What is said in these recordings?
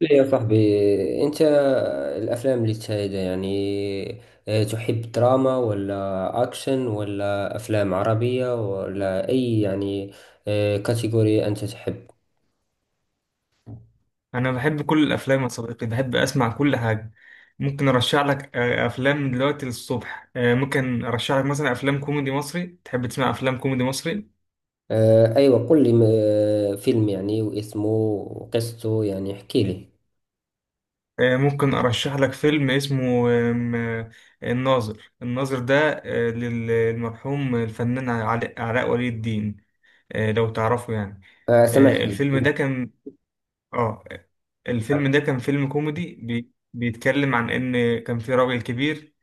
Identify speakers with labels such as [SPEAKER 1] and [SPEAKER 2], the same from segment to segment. [SPEAKER 1] لا يا صاحبي، انت، الافلام اللي تشاهدها يعني، تحب دراما ولا اكشن ولا افلام عربية ولا اي يعني؟ كاتيجوري انت تحب؟
[SPEAKER 2] انا بحب كل الافلام يا صديقي، بحب اسمع كل حاجه. ممكن ارشح لك افلام من دلوقتي للصبح. ممكن ارشح لك مثلا افلام كوميدي مصري. تحب تسمع افلام كوميدي مصري؟
[SPEAKER 1] ايوه، قل لي فيلم يعني، واسمه وقصته يعني احكي لي.
[SPEAKER 2] ممكن ارشح لك فيلم اسمه آم، آه، الناظر. ده للمرحوم الفنان علاء ولي الدين. لو تعرفه يعني. آه،
[SPEAKER 1] سمعت فيه.
[SPEAKER 2] الفيلم ده كان اه
[SPEAKER 1] نعم،
[SPEAKER 2] الفيلم ده كان فيلم كوميدي، بيتكلم عن ان كان في راجل كبير.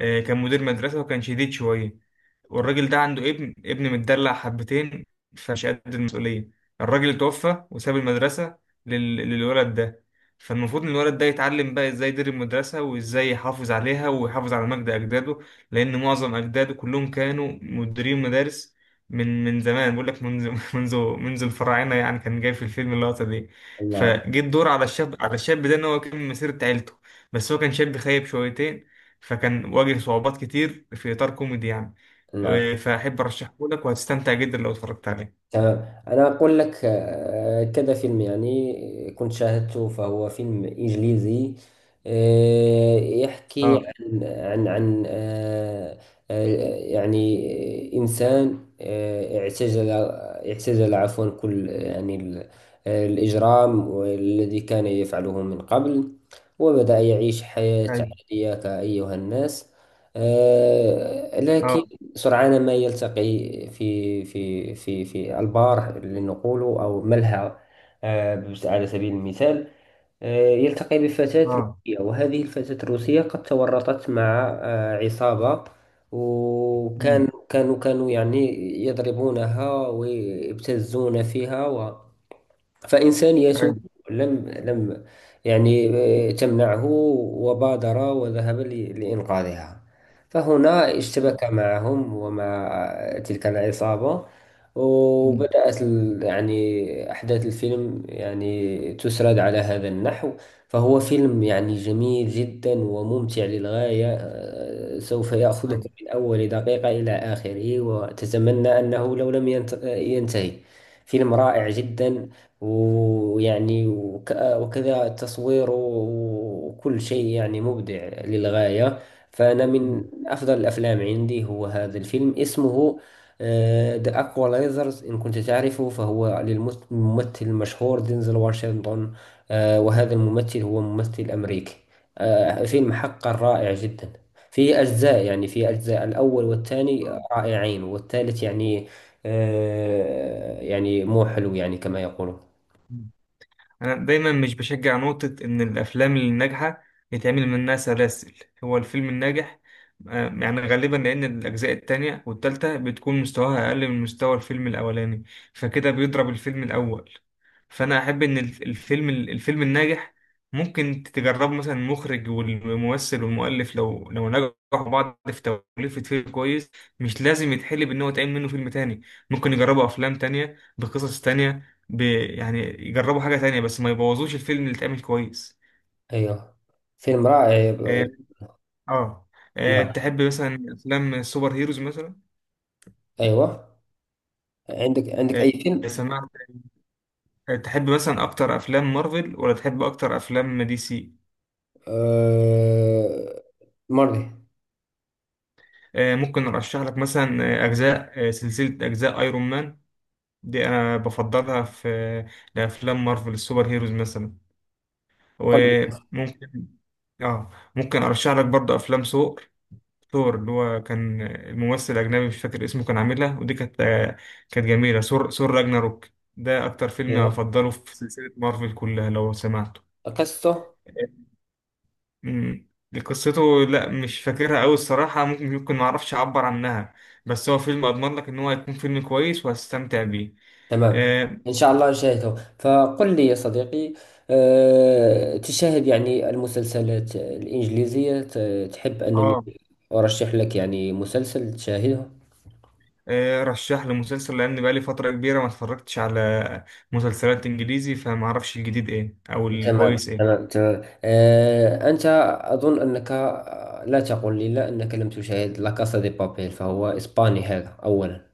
[SPEAKER 2] كان مدير مدرسة وكان شديد شوية. والراجل ده عنده ابن متدلع حبتين، فمش قد المسؤولية. الراجل توفى وساب المدرسة للولد ده. فالمفروض ان الولد ده يتعلم بقى ازاي يدير المدرسة وازاي يحافظ عليها ويحافظ على مجد اجداده، لان معظم اجداده كلهم كانوا مديرين مدارس من زمان. بقول لك منذ منذ الفراعنة، يعني كان جاي في الفيلم اللقطة دي.
[SPEAKER 1] نعم،
[SPEAKER 2] فجه الدور على الشاب، على الشاب ده ان هو يكمل مسيرة عيلته، بس هو كان شاب خايب شويتين، فكان واجه صعوبات كتير في إطار كوميدي يعني.
[SPEAKER 1] نعم.
[SPEAKER 2] فأحب أرشحه لك وهتستمتع جدا لو اتفرجت عليه.
[SPEAKER 1] تمام، أنا أقول لك كذا فيلم يعني كنت شاهدته، فهو فيلم إنجليزي. يحكي
[SPEAKER 2] اه.
[SPEAKER 1] عن عن آه، يعني إنسان، اعتزل عفوا، كل يعني الإجرام الذي كان يفعله من قبل، وبدأ يعيش حياة
[SPEAKER 2] ايوه.
[SPEAKER 1] عادية كأيها الناس. لكن
[SPEAKER 2] اه.
[SPEAKER 1] سرعان ما يلتقي في البار لنقول، أو ملهى على سبيل المثال. يلتقي بفتاة
[SPEAKER 2] اه.
[SPEAKER 1] روسية، وهذه الفتاة الروسية قد تورطت مع عصابة، وكان
[SPEAKER 2] امم.
[SPEAKER 1] كانوا يعني يضربونها ويبتزون فيها. فإنسانيته
[SPEAKER 2] ايوه.
[SPEAKER 1] لم يعني تمنعه، وبادر وذهب لإنقاذها. فهنا اشتبك معهم، ومع تلك العصابة،
[SPEAKER 2] امم.
[SPEAKER 1] وبدأت يعني أحداث الفيلم يعني تسرد على هذا النحو. فهو فيلم يعني جميل جدا وممتع للغاية، سوف يأخذك
[SPEAKER 2] ايوه.
[SPEAKER 1] من أول دقيقة إلى آخره، وتتمنى أنه لو لم ينتهي. فيلم رائع جدا، ويعني وكذا تصويره، وكل شيء يعني مبدع للغاية. فأنا من أفضل الأفلام عندي هو هذا الفيلم، اسمه ذا Equalizers. إن كنت تعرفه، فهو للممثل المشهور دينزل واشنطن. وهذا الممثل هو ممثل أمريكي. فيلم حقا رائع جدا. فيه أجزاء، يعني فيه أجزاء، الأول والثاني رائعين، والثالث يعني يعني مو حلو يعني كما يقولون.
[SPEAKER 2] مم. أنا دايما مش بشجع نقطة إن الأفلام الناجحة يتعمل منها سلاسل. هو الفيلم الناجح يعني غالبا لأن الأجزاء التانية والتالتة بتكون مستواها أقل من مستوى الفيلم الأولاني، فكده بيضرب الفيلم الأول. فأنا أحب إن الفيلم، الفيلم الناجح ممكن تجربه مثلا، المخرج والممثل والمؤلف لو نجحوا بعض في توليفة فيلم كويس، مش لازم يتحلب إن هو يتعمل منه فيلم تاني. ممكن يجربوا أفلام تانية بقصص تانية، يعني يجربوا حاجة تانية، بس ما يبوظوش الفيلم اللي اتعمل كويس.
[SPEAKER 1] ايوه، فيلم رائع
[SPEAKER 2] اه. آه.
[SPEAKER 1] نعم.
[SPEAKER 2] تحب مثلا افلام السوبر هيروز مثلا؟
[SPEAKER 1] ايوه، عندك اي
[SPEAKER 2] آه،
[SPEAKER 1] فيلم؟
[SPEAKER 2] سمعت. تحب مثلا اكتر افلام مارفل ولا تحب اكتر افلام دي سي؟
[SPEAKER 1] آه... مري.
[SPEAKER 2] ممكن ارشح لك مثلا اجزاء، سلسلة اجزاء ايرون مان. دي انا بفضلها في لافلام مارفل السوبر هيروز مثلا.
[SPEAKER 1] قل لي.
[SPEAKER 2] وممكن، اه، ممكن ارشح لك برضو افلام ثور، اللي هو كان الممثل الأجنبي، مش فاكر اسمه، كان عاملها، ودي كانت كانت جميلة. ثور، راجناروك، ده أكتر فيلم
[SPEAKER 1] ايوه،
[SPEAKER 2] أفضله في سلسلة مارفل كلها لو سمعته.
[SPEAKER 1] قصته.
[SPEAKER 2] مم. قصته لا، مش فاكرها أوي الصراحة. ممكن معرفش أعبر عنها، بس هو فيلم أضمن لك إن هو هيكون فيلم كويس وهستمتع بيه.
[SPEAKER 1] تمام،
[SPEAKER 2] آه.
[SPEAKER 1] ان شاء الله نشاهده. فقل لي يا صديقي، تشاهد يعني المسلسلات الانجليزية؟ تحب انني
[SPEAKER 2] آه.
[SPEAKER 1] ارشح لك يعني مسلسل تشاهده؟
[SPEAKER 2] رشح لي مسلسل لأن بقالي فترة كبيرة ما اتفرجتش على مسلسلات إنجليزي، فمعرفش الجديد إيه أو
[SPEAKER 1] تمام،
[SPEAKER 2] الكويس إيه.
[SPEAKER 1] تمام، تمام. أنت، أظن أنك، لا، تقول لي لا أنك لم تشاهد لا كاسا دي بابيل؟ فهو إسباني هذا أولا.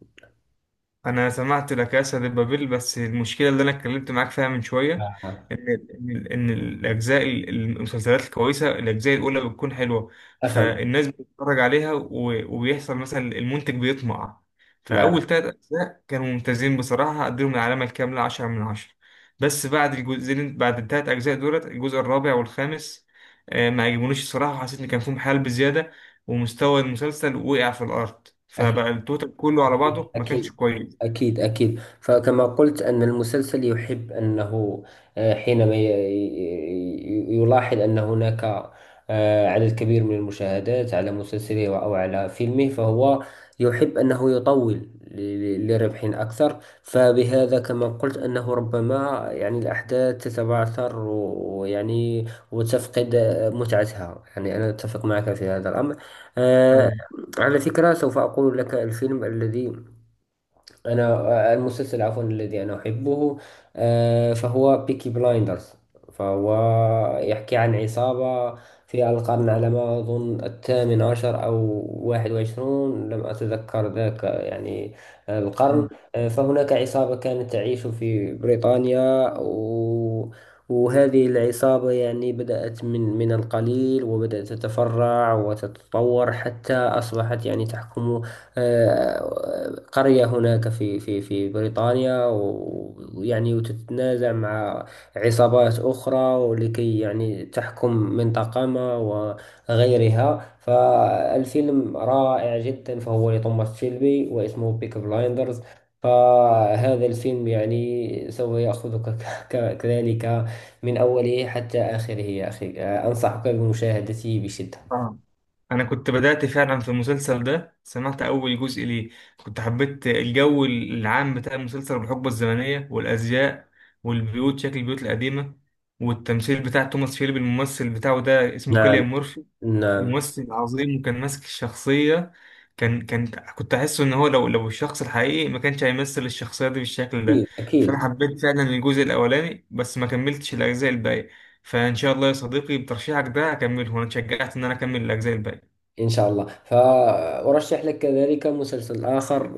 [SPEAKER 2] انا سمعت لا كاسا دي بابيل، بس المشكله اللي انا اتكلمت معاك فيها من شويه،
[SPEAKER 1] آه،
[SPEAKER 2] ان ان ان الاجزاء المسلسلات الكويسه، الاجزاء الاولى بتكون حلوه،
[SPEAKER 1] أفهم.
[SPEAKER 2] فالناس بتتفرج عليها وبيحصل مثلا المنتج بيطمع.
[SPEAKER 1] نعم.
[SPEAKER 2] فاول ثلاث اجزاء كانوا ممتازين بصراحه، اديهم العلامه الكامله 10 من 10. بس بعد الجزئين، بعد الثلاث اجزاء دولت، الجزء الرابع والخامس ما عجبونيش الصراحه. حسيت ان كان فيهم حال بزياده، ومستوى المسلسل وقع في الارض، فبقى التوتال كله على بعضه ما
[SPEAKER 1] أكيد،
[SPEAKER 2] كانش كويس.
[SPEAKER 1] أكيد، أكيد. فكما قلت، أن المسلسل يحب أنه حينما يلاحظ أن هناك على الكبير من المشاهدات على مسلسله أو على فيلمه، فهو يحب أنه يطول لربح أكثر. فبهذا كما قلت، أنه ربما يعني الأحداث تتبعثر ويعني وتفقد متعتها، يعني أنا أتفق معك في هذا الأمر. آه،
[SPEAKER 2] طيب.
[SPEAKER 1] على فكرة، سوف أقول لك الفيلم الذي أنا، المسلسل عفوا، الذي أنا أحبه، فهو بيكي بلايندرز. فهو يحكي عن عصابة في القرن، على ما أظن، الثامن عشر أو 21، لم أتذكر ذاك يعني القرن.
[SPEAKER 2] مم.
[SPEAKER 1] فهناك عصابة كانت تعيش في بريطانيا، وهذه العصابة يعني بدأت من القليل، وبدأت تتفرع وتتطور حتى أصبحت يعني تحكم قرية هناك في بريطانيا ويعني وتتنازع مع عصابات أخرى، ولكي يعني تحكم منطقة ما وغيرها. فالفيلم رائع جدا، فهو لتوماس شيلبي واسمه بيك بلايندرز. فهذا الفيلم يعني سوف يأخذك كذلك، من أوله حتى آخره يا أخي. أنصحك بمشاهدته بشدة.
[SPEAKER 2] اه، انا كنت بدأت فعلا في المسلسل ده، سمعت اول جزء ليه. كنت حبيت الجو العام بتاع المسلسل، والحقبة الزمنية، والازياء، والبيوت، شكل البيوت القديمة، والتمثيل بتاع توماس شيلبي. الممثل بتاعه ده اسمه
[SPEAKER 1] نعم.
[SPEAKER 2] كيليان مورفي،
[SPEAKER 1] نعم.
[SPEAKER 2] ممثل عظيم وكان ماسك الشخصية. كان كنت أحسه إن هو لو، الشخص الحقيقي ما كانش هيمثل الشخصية دي بالشكل ده.
[SPEAKER 1] أكيد.
[SPEAKER 2] فأنا
[SPEAKER 1] أكيد.
[SPEAKER 2] حبيت فعلا الجزء الأولاني بس ما كملتش الأجزاء الباقية، فإن شاء الله يا صديقي بترشيحك ده هكمله، وأنا اتشجعت إن أنا أكمل الأجزاء الباقية.
[SPEAKER 1] إن شاء الله. فأرشح لك كذلك مسلسل آخر،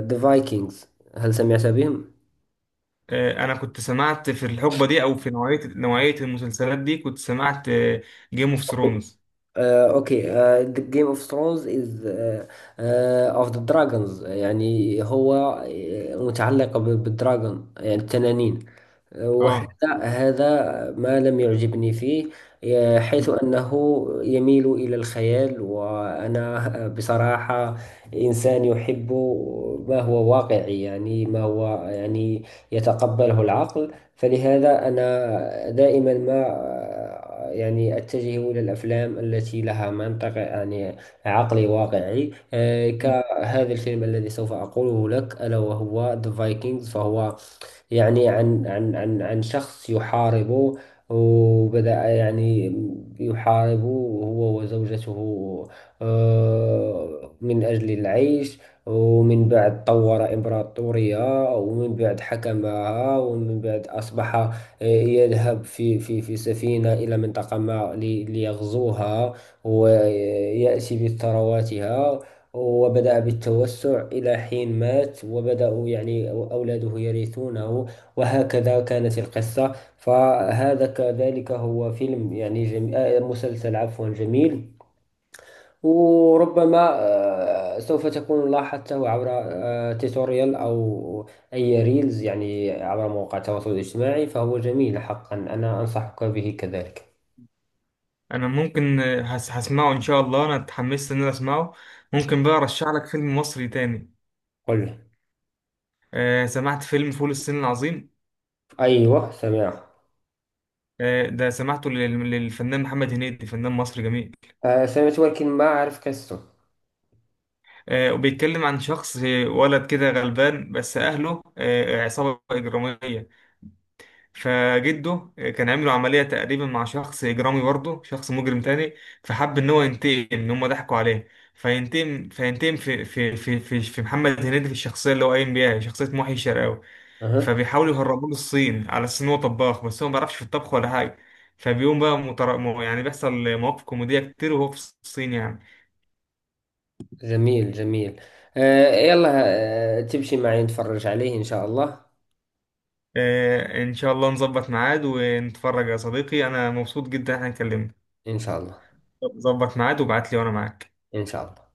[SPEAKER 1] ذا فايكنجز. هل سمعت بهم؟
[SPEAKER 2] أنا كنت سمعت في الحقبة دي، أو في نوعية المسلسلات دي كنت سمعت جيم اوف
[SPEAKER 1] اوكي.
[SPEAKER 2] ثرونز.
[SPEAKER 1] اوكي. The Game of Thrones is، of the Dragons، يعني هو متعلق بالدراغون، يعني التنانين. وهذا
[SPEAKER 2] اه Game
[SPEAKER 1] ما لم يعجبني فيه،
[SPEAKER 2] of
[SPEAKER 1] حيث
[SPEAKER 2] Thrones.
[SPEAKER 1] أنه يميل إلى الخيال، وأنا بصراحة إنسان يحب ما هو واقعي، يعني ما هو يعني يتقبله العقل. فلهذا أنا دائما ما يعني أتجه إلى الأفلام التي لها منطق، يعني عقلي واقعي،
[SPEAKER 2] آه.
[SPEAKER 1] كهذا الفيلم الذي سوف أقوله لك، ألا وهو The Vikings. فهو يعني عن شخص يحاربه، وبدأ يعني يحاربه هو وزوجته، من أجل العيش. ومن بعد طور إمبراطورية، ومن بعد حكمها، ومن بعد أصبح يذهب في سفينة إلى منطقة ما ليغزوها، ويأتي بثرواتها. وبدأ بالتوسع إلى حين مات، وبدأوا يعني أولاده يرثونه، وهكذا كانت القصة. فهذا كذلك هو فيلم يعني جميل، مسلسل عفوا جميل. وربما سوف تكون لاحظته عبر توتوريال أو أي ريلز يعني عبر مواقع التواصل الاجتماعي. فهو جميل حقا، أنا أنصحك به كذلك.
[SPEAKER 2] أنا ممكن هسمعه إن شاء الله، أنا اتحمست إن أنا أسمعه. ممكن بقى أرشح لك فيلم مصري تاني؟
[SPEAKER 1] قل.
[SPEAKER 2] سمعت فيلم فول الصين العظيم؟
[SPEAKER 1] أيوه، سمعه.
[SPEAKER 2] ده سمعته للفنان محمد هنيدي، فنان مصري جميل.
[SPEAKER 1] سمعت، ولكن ما أعرف قصته.
[SPEAKER 2] وبيتكلم عن شخص، ولد كده غلبان بس أهله عصابة إجرامية. فجده كان عامله عملية تقريبا مع شخص إجرامي، برضه شخص مجرم تاني، فحب إن هو ينتقم إن هما ضحكوا عليه. فينتقم في محمد هنيدي، في الشخصية اللي هو قايم بيها، شخصية محي الشرقاوي.
[SPEAKER 1] أها.
[SPEAKER 2] فبيحاولوا يهربوه للصين على أساس إن هو طباخ، بس هو ما بيعرفش في الطبخ ولا حاجة. فبيقوم بقى يعني بيحصل مواقف كوميدية كتير وهو في الصين يعني.
[SPEAKER 1] جميل، جميل. يلا. تمشي معي نتفرج عليه إن شاء الله؟
[SPEAKER 2] آه، إن شاء الله نظبط ميعاد ونتفرج يا صديقي. أنا مبسوط جدا إن إحنا اتكلمنا.
[SPEAKER 1] إن شاء الله.
[SPEAKER 2] ظبط ميعاد وابعت لي وأنا معاك.
[SPEAKER 1] إن شاء الله.